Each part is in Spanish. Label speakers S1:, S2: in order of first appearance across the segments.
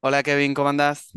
S1: Hola Kevin, ¿cómo andás?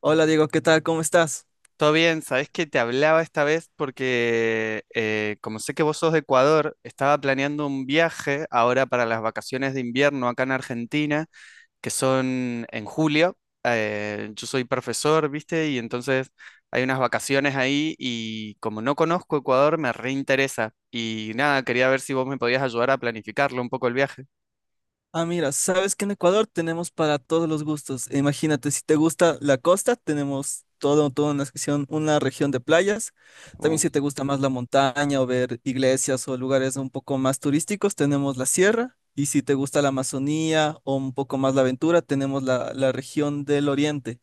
S2: Hola Diego, ¿qué tal? ¿Cómo estás?
S1: ¿Todo bien? Sabés que te hablaba esta vez porque como sé que vos sos de Ecuador, estaba planeando un viaje ahora para las vacaciones de invierno acá en Argentina, que son en julio. Yo soy profesor, ¿viste? Y entonces hay unas vacaciones ahí y como no conozco Ecuador, me reinteresa. Y nada, quería ver si vos me podías ayudar a planificarlo un poco el viaje.
S2: Ah, mira, sabes que en Ecuador tenemos para todos los gustos. E imagínate, si te gusta la costa, tenemos todo, toda una sección, una región de playas.
S1: Uh,
S2: También si te gusta más la montaña o ver iglesias o lugares un poco más turísticos, tenemos la sierra. Y si te gusta la Amazonía o un poco más la aventura, tenemos la región del oriente.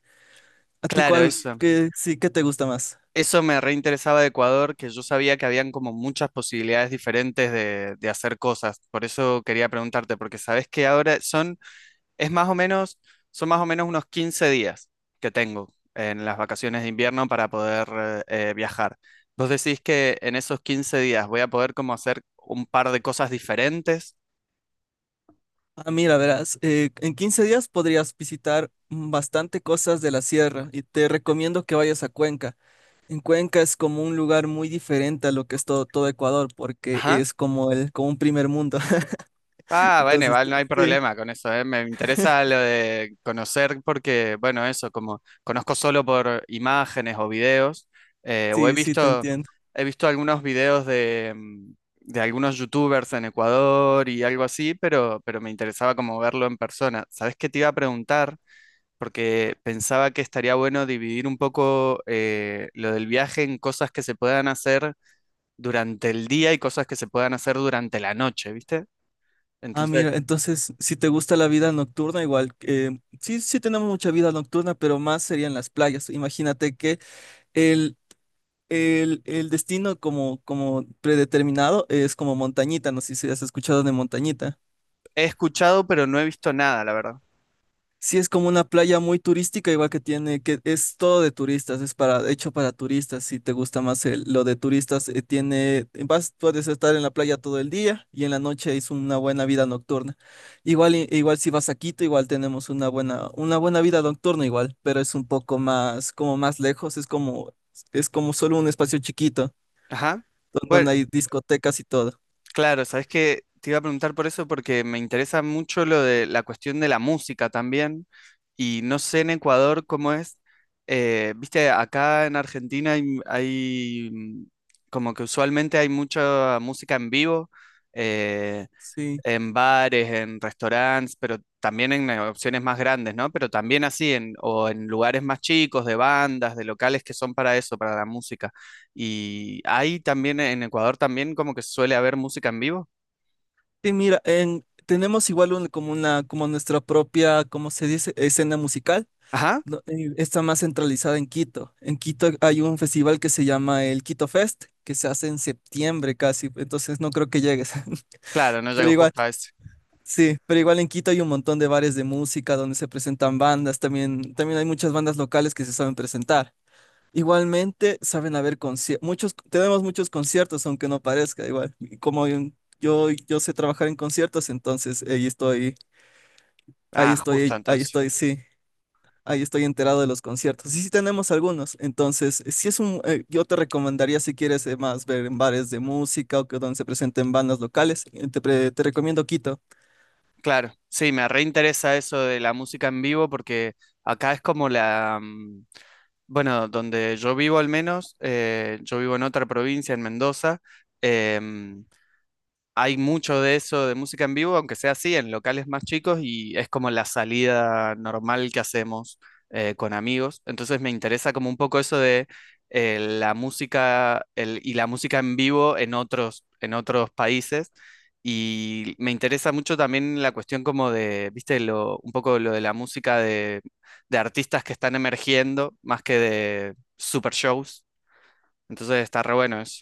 S2: ¿A ti
S1: claro,
S2: cuál,
S1: eso.
S2: qué, sí, qué te gusta más?
S1: Eso me reinteresaba de Ecuador, que yo sabía que habían como muchas posibilidades diferentes de hacer cosas. Por eso quería preguntarte, porque sabes que ahora son, es más o menos, son más o menos unos 15 días que tengo en las vacaciones de invierno para poder viajar. ¿Vos decís que en esos 15 días voy a poder como hacer un par de cosas diferentes?
S2: Ah, mira, verás, en 15 días podrías visitar bastante cosas de la sierra y te recomiendo que vayas a Cuenca. En Cuenca es como un lugar muy diferente a lo que es todo, todo Ecuador, porque
S1: Ajá.
S2: es como como un primer mundo.
S1: Ah, bueno,
S2: Entonces,
S1: igual no hay
S2: sí,
S1: problema con eso, ¿eh? Me interesa lo de conocer porque, bueno, eso, como conozco solo por imágenes o videos, o he
S2: sí, te
S1: visto,
S2: entiendo.
S1: he visto algunos videos de algunos youtubers en Ecuador y algo así, pero me interesaba como verlo en persona. ¿Sabes qué te iba a preguntar? Porque pensaba que estaría bueno dividir un poco lo del viaje en cosas que se puedan hacer durante el día y cosas que se puedan hacer durante la noche, ¿viste?
S2: Ah,
S1: Entonces.
S2: mira, entonces, si te gusta la vida nocturna, igual, sí, sí tenemos mucha vida nocturna, pero más serían las playas. Imagínate que el, el destino como, como predeterminado es como Montañita, no sé si has escuchado de Montañita.
S1: He escuchado, pero no he visto nada, la verdad.
S2: Sí, es como una playa muy turística, igual que tiene, que es todo de turistas, es para, hecho para turistas, si te gusta más el- lo de turistas, tiene, vas, puedes estar en la playa todo el día y en la noche es una buena vida nocturna. Igual, i- igual si vas a Quito, igual tenemos una buena vida nocturna igual, pero es un poco más, como más lejos, es como solo un espacio chiquito,
S1: Ajá.
S2: don-
S1: Bueno,
S2: donde hay discotecas y todo.
S1: claro, sabes que te iba a preguntar por eso porque me interesa mucho lo de la cuestión de la música también. Y no sé en Ecuador cómo es. Viste, acá en Argentina hay, como que usualmente hay mucha música en vivo. eh,
S2: Sí.
S1: en bares, en restaurantes, pero también en opciones más grandes, ¿no? Pero también así, en, o en lugares más chicos, de bandas, de locales que son para eso, para la música. Y ahí también, en Ecuador también como que suele haber música en vivo.
S2: Sí, mira, en, tenemos igual un- como una, como nuestra propia, ¿cómo se dice? Escena musical.
S1: Ajá,
S2: No, está más centralizada en Quito. En Quito hay un festival que se llama el Quito Fest, que se hace en septiembre casi, entonces no creo que llegues.
S1: claro, no
S2: Pero
S1: llego
S2: igual,
S1: justo a ese.
S2: sí, pero igual en Quito hay un montón de bares de música donde se presentan bandas, también, también hay muchas bandas locales que se saben presentar. Igualmente, saben haber conciertos, muchos, tenemos muchos conciertos, aunque no parezca, igual. Y como en- yo sé trabajar en conciertos, entonces ahí estoy, ahí
S1: Ah, justo
S2: estoy, ahí estoy,
S1: entonces.
S2: sí. Ahí estoy enterado de los conciertos. Y sí tenemos algunos. Entonces, si es un, yo te recomendaría si quieres más ver en bares de música o que donde se presenten bandas locales, te, pre- te recomiendo Quito.
S1: Claro, sí, me reinteresa eso de la música en vivo porque acá es como la. Bueno, donde yo vivo al menos, yo vivo en otra provincia, en Mendoza. em, Hay mucho de eso de música en vivo, aunque sea así, en locales más chicos, y es como la salida normal que hacemos con amigos. Entonces me interesa como un poco eso de y la música en vivo en otros, países. Y me interesa mucho también la cuestión como de, viste, lo, un poco lo de la música de artistas que están emergiendo, más que de super shows. Entonces está re bueno eso.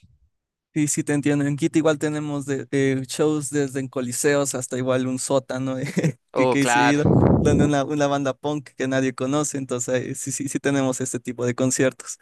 S2: Y si te entiendo, en Quito igual tenemos de, shows desde en coliseos hasta igual un sótano
S1: Oh,
S2: que he
S1: claro.
S2: ido, donde una banda punk que nadie conoce. Entonces, sí, sí tenemos este tipo de conciertos.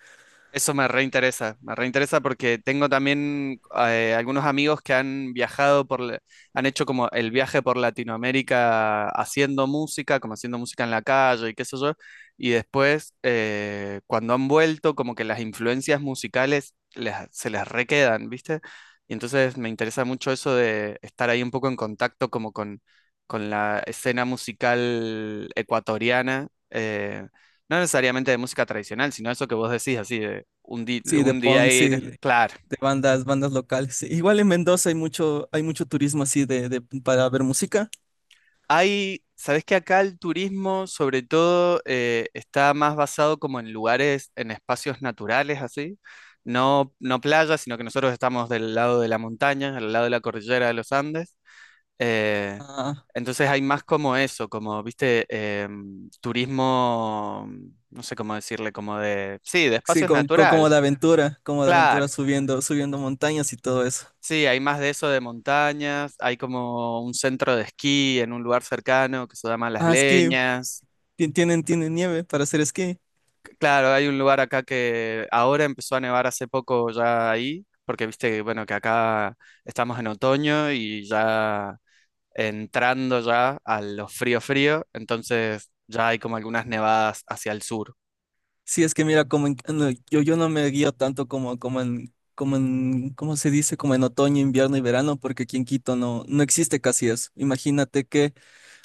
S1: Eso me reinteresa porque tengo también algunos amigos que han viajado han hecho como el viaje por Latinoamérica haciendo música, como haciendo música en la calle y qué sé yo, y después cuando han vuelto como que las influencias musicales se les requedan, ¿viste? Y entonces me interesa mucho eso de estar ahí un poco en contacto como con la escena musical ecuatoriana. No necesariamente de música tradicional, sino eso que vos decís, así, un, di-
S2: Sí, de
S1: un día
S2: punk, sí,
S1: ir, claro.
S2: de bandas, bandas locales. Sí, igual en Mendoza hay mucho turismo así de- para ver música.
S1: Hay, sabes que acá el turismo, sobre todo, está más basado como en lugares, en espacios naturales, así. No, no playas, sino que nosotros estamos del lado de la montaña, al lado de la cordillera de los Andes. Eh,
S2: Ah,
S1: entonces hay más como eso, como, viste, turismo, no sé cómo decirle, como de, sí, de
S2: sí,
S1: espacios
S2: con-
S1: naturales.
S2: como de
S1: Claro,
S2: aventura subiendo, subiendo montañas y todo eso.
S1: sí, hay más de eso de montañas, hay como un centro de esquí en un lugar cercano que se llama Las
S2: Ah, esquí,
S1: Leñas.
S2: ti- tienen, tienen nieve para hacer esquí.
S1: Claro, hay un lugar acá que ahora empezó a nevar hace poco ya ahí, porque viste que bueno que acá estamos en otoño y ya entrando ya a lo frío frío, entonces ya hay como algunas nevadas hacia el sur.
S2: Sí, es que mira, como en- no, yo no me guío tanto como, como en, como en, ¿cómo se dice? Como en otoño, invierno y verano, porque aquí en Quito no, no existe casi eso. Imagínate que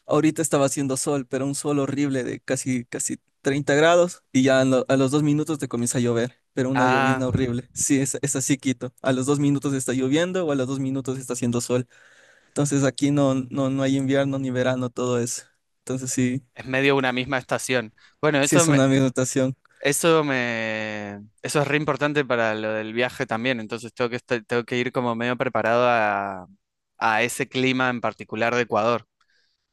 S2: ahorita estaba haciendo sol, pero un sol horrible de casi, casi 30 grados y ya a, lo- a los 2 minutos te comienza a llover. Pero una
S1: Ah,
S2: llovizna horrible. Sí, es así, Quito. A los 2 minutos está lloviendo o a los 2 minutos está haciendo sol. Entonces aquí no, no hay invierno ni verano, todo eso. Entonces sí,
S1: es medio una misma estación. Bueno,
S2: sí es una minotación.
S1: Eso me, eso es re importante para lo del viaje también, entonces tengo que ir como medio preparado a ese clima en particular de Ecuador.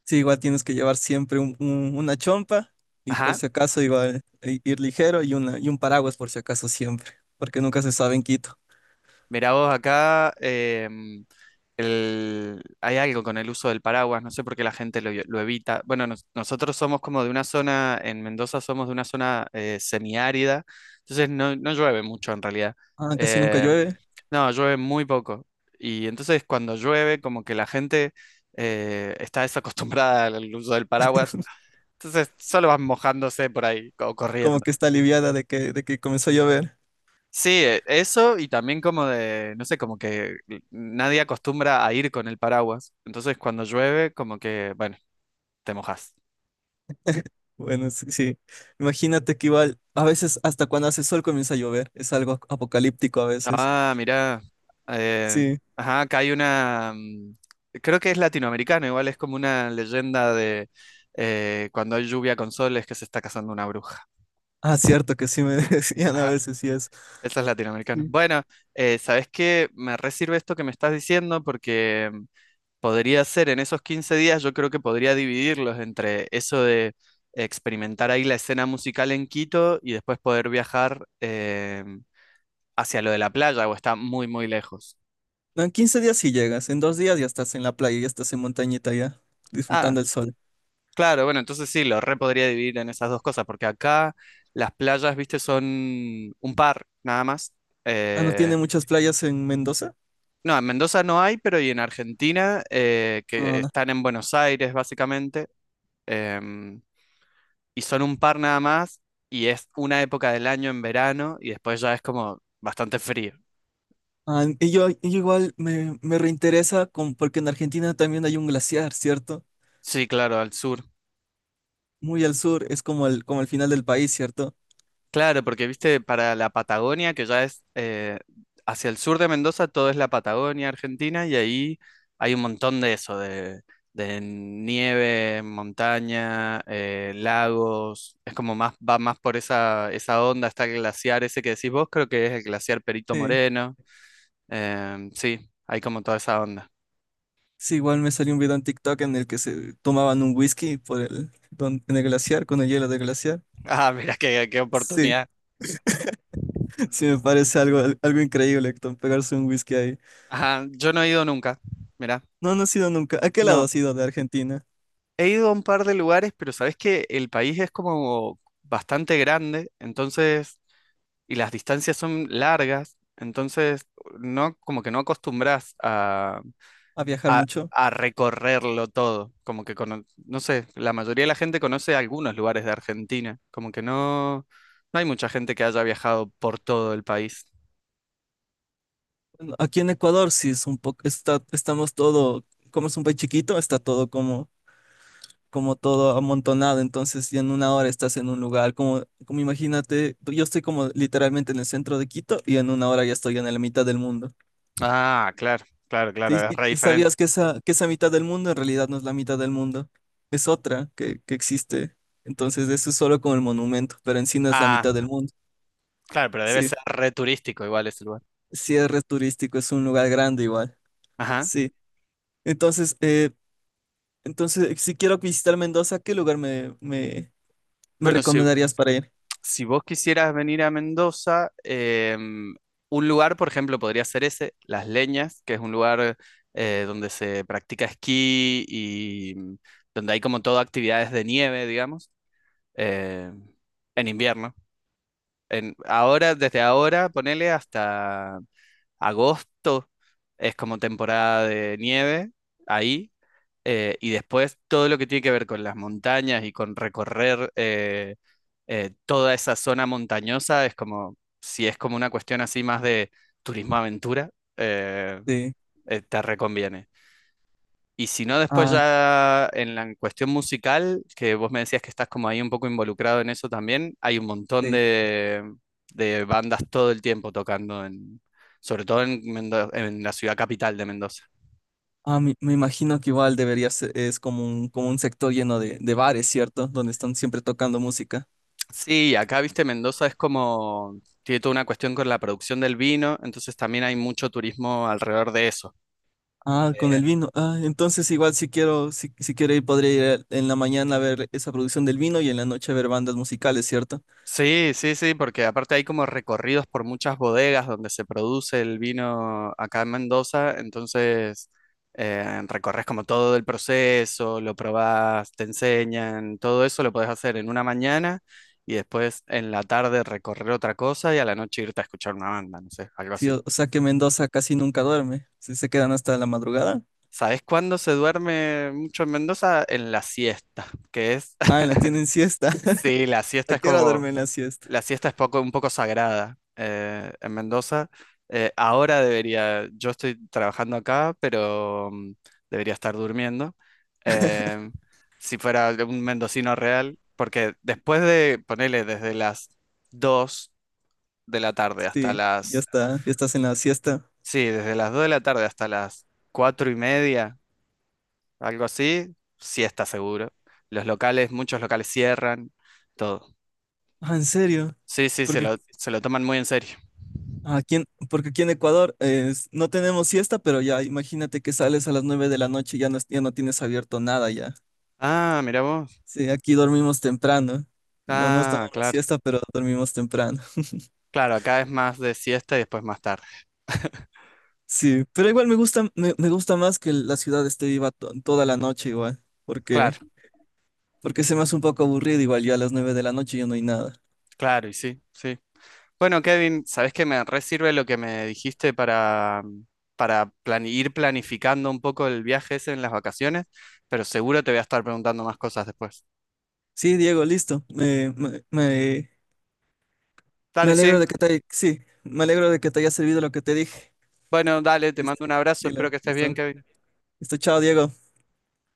S2: Sí, igual tienes que llevar siempre un- una chompa y por
S1: Ajá,
S2: si acaso igual i- ir ligero y, una, y un paraguas por si acaso siempre, porque nunca se sabe en Quito.
S1: mirá vos acá, hay algo con el uso del paraguas, no sé por qué la gente lo evita. Bueno, nosotros somos como de una zona, en Mendoza somos de una zona semiárida, entonces no, no llueve mucho en realidad.
S2: Ah, casi nunca
S1: Eh,
S2: llueve,
S1: no, llueve muy poco. Y entonces cuando llueve, como que la gente está desacostumbrada al uso del paraguas, entonces solo van mojándose por ahí o
S2: como
S1: corriendo.
S2: que está aliviada de que comenzó a llover.
S1: Sí, eso y también como de, no sé, como que nadie acostumbra a ir con el paraguas. Entonces cuando llueve, como que, bueno, te mojas.
S2: Bueno, sí, sí. Imagínate que igual a veces hasta cuando hace sol comienza a llover, es algo apocalíptico a veces.
S1: Ah, mirá. eh,
S2: Sí,
S1: ajá, acá hay una, creo que es latinoamericano, igual es como una leyenda de cuando hay lluvia con sol es que se está casando una bruja.
S2: ah, cierto que sí me decían a
S1: Ajá,
S2: veces, sí es.
S1: eso es latinoamericano.
S2: Sí.
S1: Bueno, ¿sabés qué? Me re sirve esto que me estás diciendo porque podría ser en esos 15 días, yo creo que podría dividirlos entre eso de experimentar ahí la escena musical en Quito y después poder viajar hacia lo de la playa o está muy, muy lejos.
S2: No, en 15 días sí llegas, en 2 días ya estás en la playa, ya estás en montañita ya,
S1: Ah,
S2: disfrutando el sol.
S1: claro, bueno, entonces sí, lo re podría dividir en esas dos cosas, porque acá las playas, viste, son un par nada más.
S2: Ah, ¿no
S1: Eh,
S2: tiene muchas playas en Mendoza?
S1: no, en Mendoza no hay, pero y en Argentina, que
S2: Ah,
S1: están en Buenos Aires, básicamente. em, y son un par nada más, y es una época del año en verano, y después ya es como bastante frío.
S2: ah, y yo igual me, me reinteresa con- porque en Argentina también hay un glaciar, ¿cierto?
S1: Sí, claro, al sur.
S2: Muy al sur, es como el final del país, ¿cierto?
S1: Claro, porque viste, para la Patagonia, que ya es hacia el sur de Mendoza, todo es la Patagonia Argentina, y ahí hay un montón de eso, de nieve, montaña, lagos, es como más, va más por esa onda, está el glaciar ese que decís vos, creo que es el glaciar Perito
S2: Sí.
S1: Moreno. Sí, hay como toda esa onda.
S2: Sí, igual me salió un video en TikTok en el que se tomaban un whisky por el, don- en el glaciar, con el hielo del glaciar.
S1: Ah, mira, qué
S2: Sí,
S1: oportunidad.
S2: sí me parece algo, algo increíble, Héctor, pegarse un whisky ahí.
S1: Ajá, yo no he ido nunca, mira.
S2: No, no he sido nunca. ¿A qué lado
S1: No,
S2: has ido de Argentina?
S1: he ido a un par de lugares, pero sabes que el país es como bastante grande, entonces, y las distancias son largas, entonces, no, como que no acostumbras a,
S2: ¿A viajar
S1: a,
S2: mucho?
S1: a recorrerlo todo, como que, no sé, la mayoría de la gente conoce algunos lugares de Argentina, como que no, no hay mucha gente que haya viajado por todo el país.
S2: Aquí en Ecuador sí es un poco, está, estamos todo, como es un país chiquito, está todo como, como todo amontonado, entonces ya en una hora estás en un lugar, como, como imagínate, yo estoy como literalmente en el centro de Quito y en una hora ya estoy en la mitad del mundo.
S1: Ah, claro, claro,
S2: Sí,
S1: claro, es re
S2: y
S1: diferente.
S2: sabías que esa mitad del mundo en realidad no es la mitad del mundo, es otra que existe, entonces eso es solo como el monumento, pero en sí no es la mitad del mundo,
S1: Claro, pero debe
S2: sí,
S1: ser re turístico igual ese lugar.
S2: sí es re turístico, es un lugar grande igual,
S1: Ajá.
S2: sí. Entonces, entonces, si quiero visitar Mendoza, ¿qué lugar me, me
S1: Bueno, si,
S2: recomendarías para ir?
S1: si vos quisieras venir a Mendoza, em, un lugar, por ejemplo, podría ser ese, Las Leñas, que es un lugar donde se practica esquí y donde hay como todo actividades de nieve, digamos, eh, en invierno. Ahora, desde ahora, ponele hasta agosto, es como temporada de nieve ahí. Y después todo lo que tiene que ver con las montañas y con recorrer toda esa zona montañosa es como, si es como una cuestión así más de turismo aventura, eh,
S2: Sí.
S1: te reconviene. Y si no, después
S2: Ah,
S1: ya en la cuestión musical, que vos me decías que estás como ahí un poco involucrado en eso también, hay un montón
S2: sí.
S1: de bandas todo el tiempo tocando en, sobre todo en la ciudad capital de Mendoza.
S2: Ah, me imagino que igual debería ser, es como un sector lleno de bares, ¿cierto? Donde están siempre tocando música.
S1: Sí, acá, viste, Mendoza es como, tiene toda una cuestión con la producción del vino, entonces también hay mucho turismo alrededor de eso.
S2: Ah, con
S1: Eh,
S2: el vino. Ah, entonces igual si quiero, si, si quiero ir, podría ir en la mañana a ver esa producción del vino y en la noche a ver bandas musicales, ¿cierto?
S1: sí, sí, sí, porque aparte hay como recorridos por muchas bodegas donde se produce el vino acá en Mendoza, entonces recorres como todo el proceso, lo probás, te enseñan, todo eso lo podés hacer en una mañana y después en la tarde recorrer otra cosa y a la noche irte a escuchar una banda, no sé, algo
S2: Sí,
S1: así.
S2: o sea que Mendoza casi nunca duerme. Sí, se quedan hasta la madrugada.
S1: ¿Sabes cuándo se duerme mucho en Mendoza? En la siesta, que es,
S2: Ah, la tienen siesta.
S1: sí, la siesta
S2: ¿A
S1: es
S2: qué hora
S1: como,
S2: duermen la siesta?
S1: la siesta es un poco sagrada en Mendoza. Ahora debería, yo estoy trabajando acá, pero debería estar durmiendo. Eh, si fuera un mendocino real, porque después de, ponele, desde las 2 de la tarde hasta
S2: Sí, ya
S1: las,
S2: está, ya estás en la siesta.
S1: sí, desde las 2 de la tarde hasta las 4 y media algo así, sí está seguro. Los locales, muchos locales cierran, todo.
S2: Ah, ¿en serio?
S1: Sí, sí, se
S2: Porque
S1: lo, se lo toman muy en serio.
S2: ah, aquí en, porque aquí en Ecuador es- no tenemos siesta, pero ya imagínate que sales a las 9 de la noche y ya no, ya no tienes abierto nada ya.
S1: Ah, mira vos.
S2: Sí, aquí dormimos temprano. No nos
S1: Ah,
S2: tomamos
S1: claro.
S2: siesta, pero dormimos temprano.
S1: Claro, acá es más de siesta y después más tarde.
S2: Sí, pero igual me gusta, me gusta más que la ciudad esté viva to- toda la noche igual,
S1: Claro,
S2: porque, porque se me hace un poco aburrido igual ya a las 9 de la noche ya no hay nada.
S1: claro, y sí, sí. Bueno, Kevin, ¿sabés que me re sirve lo que me dijiste para ir planificando un poco el viaje ese en las vacaciones? Pero seguro te voy a estar preguntando más cosas después.
S2: Sí, Diego, listo. Me, me
S1: Dale, sí.
S2: alegro de que te, sí, me alegro de que te haya servido lo que te dije.
S1: Bueno, dale, te
S2: Listo,
S1: mando un abrazo, espero
S2: dilo,
S1: que estés bien,
S2: listo.
S1: Kevin.
S2: Listo, chao, Diego.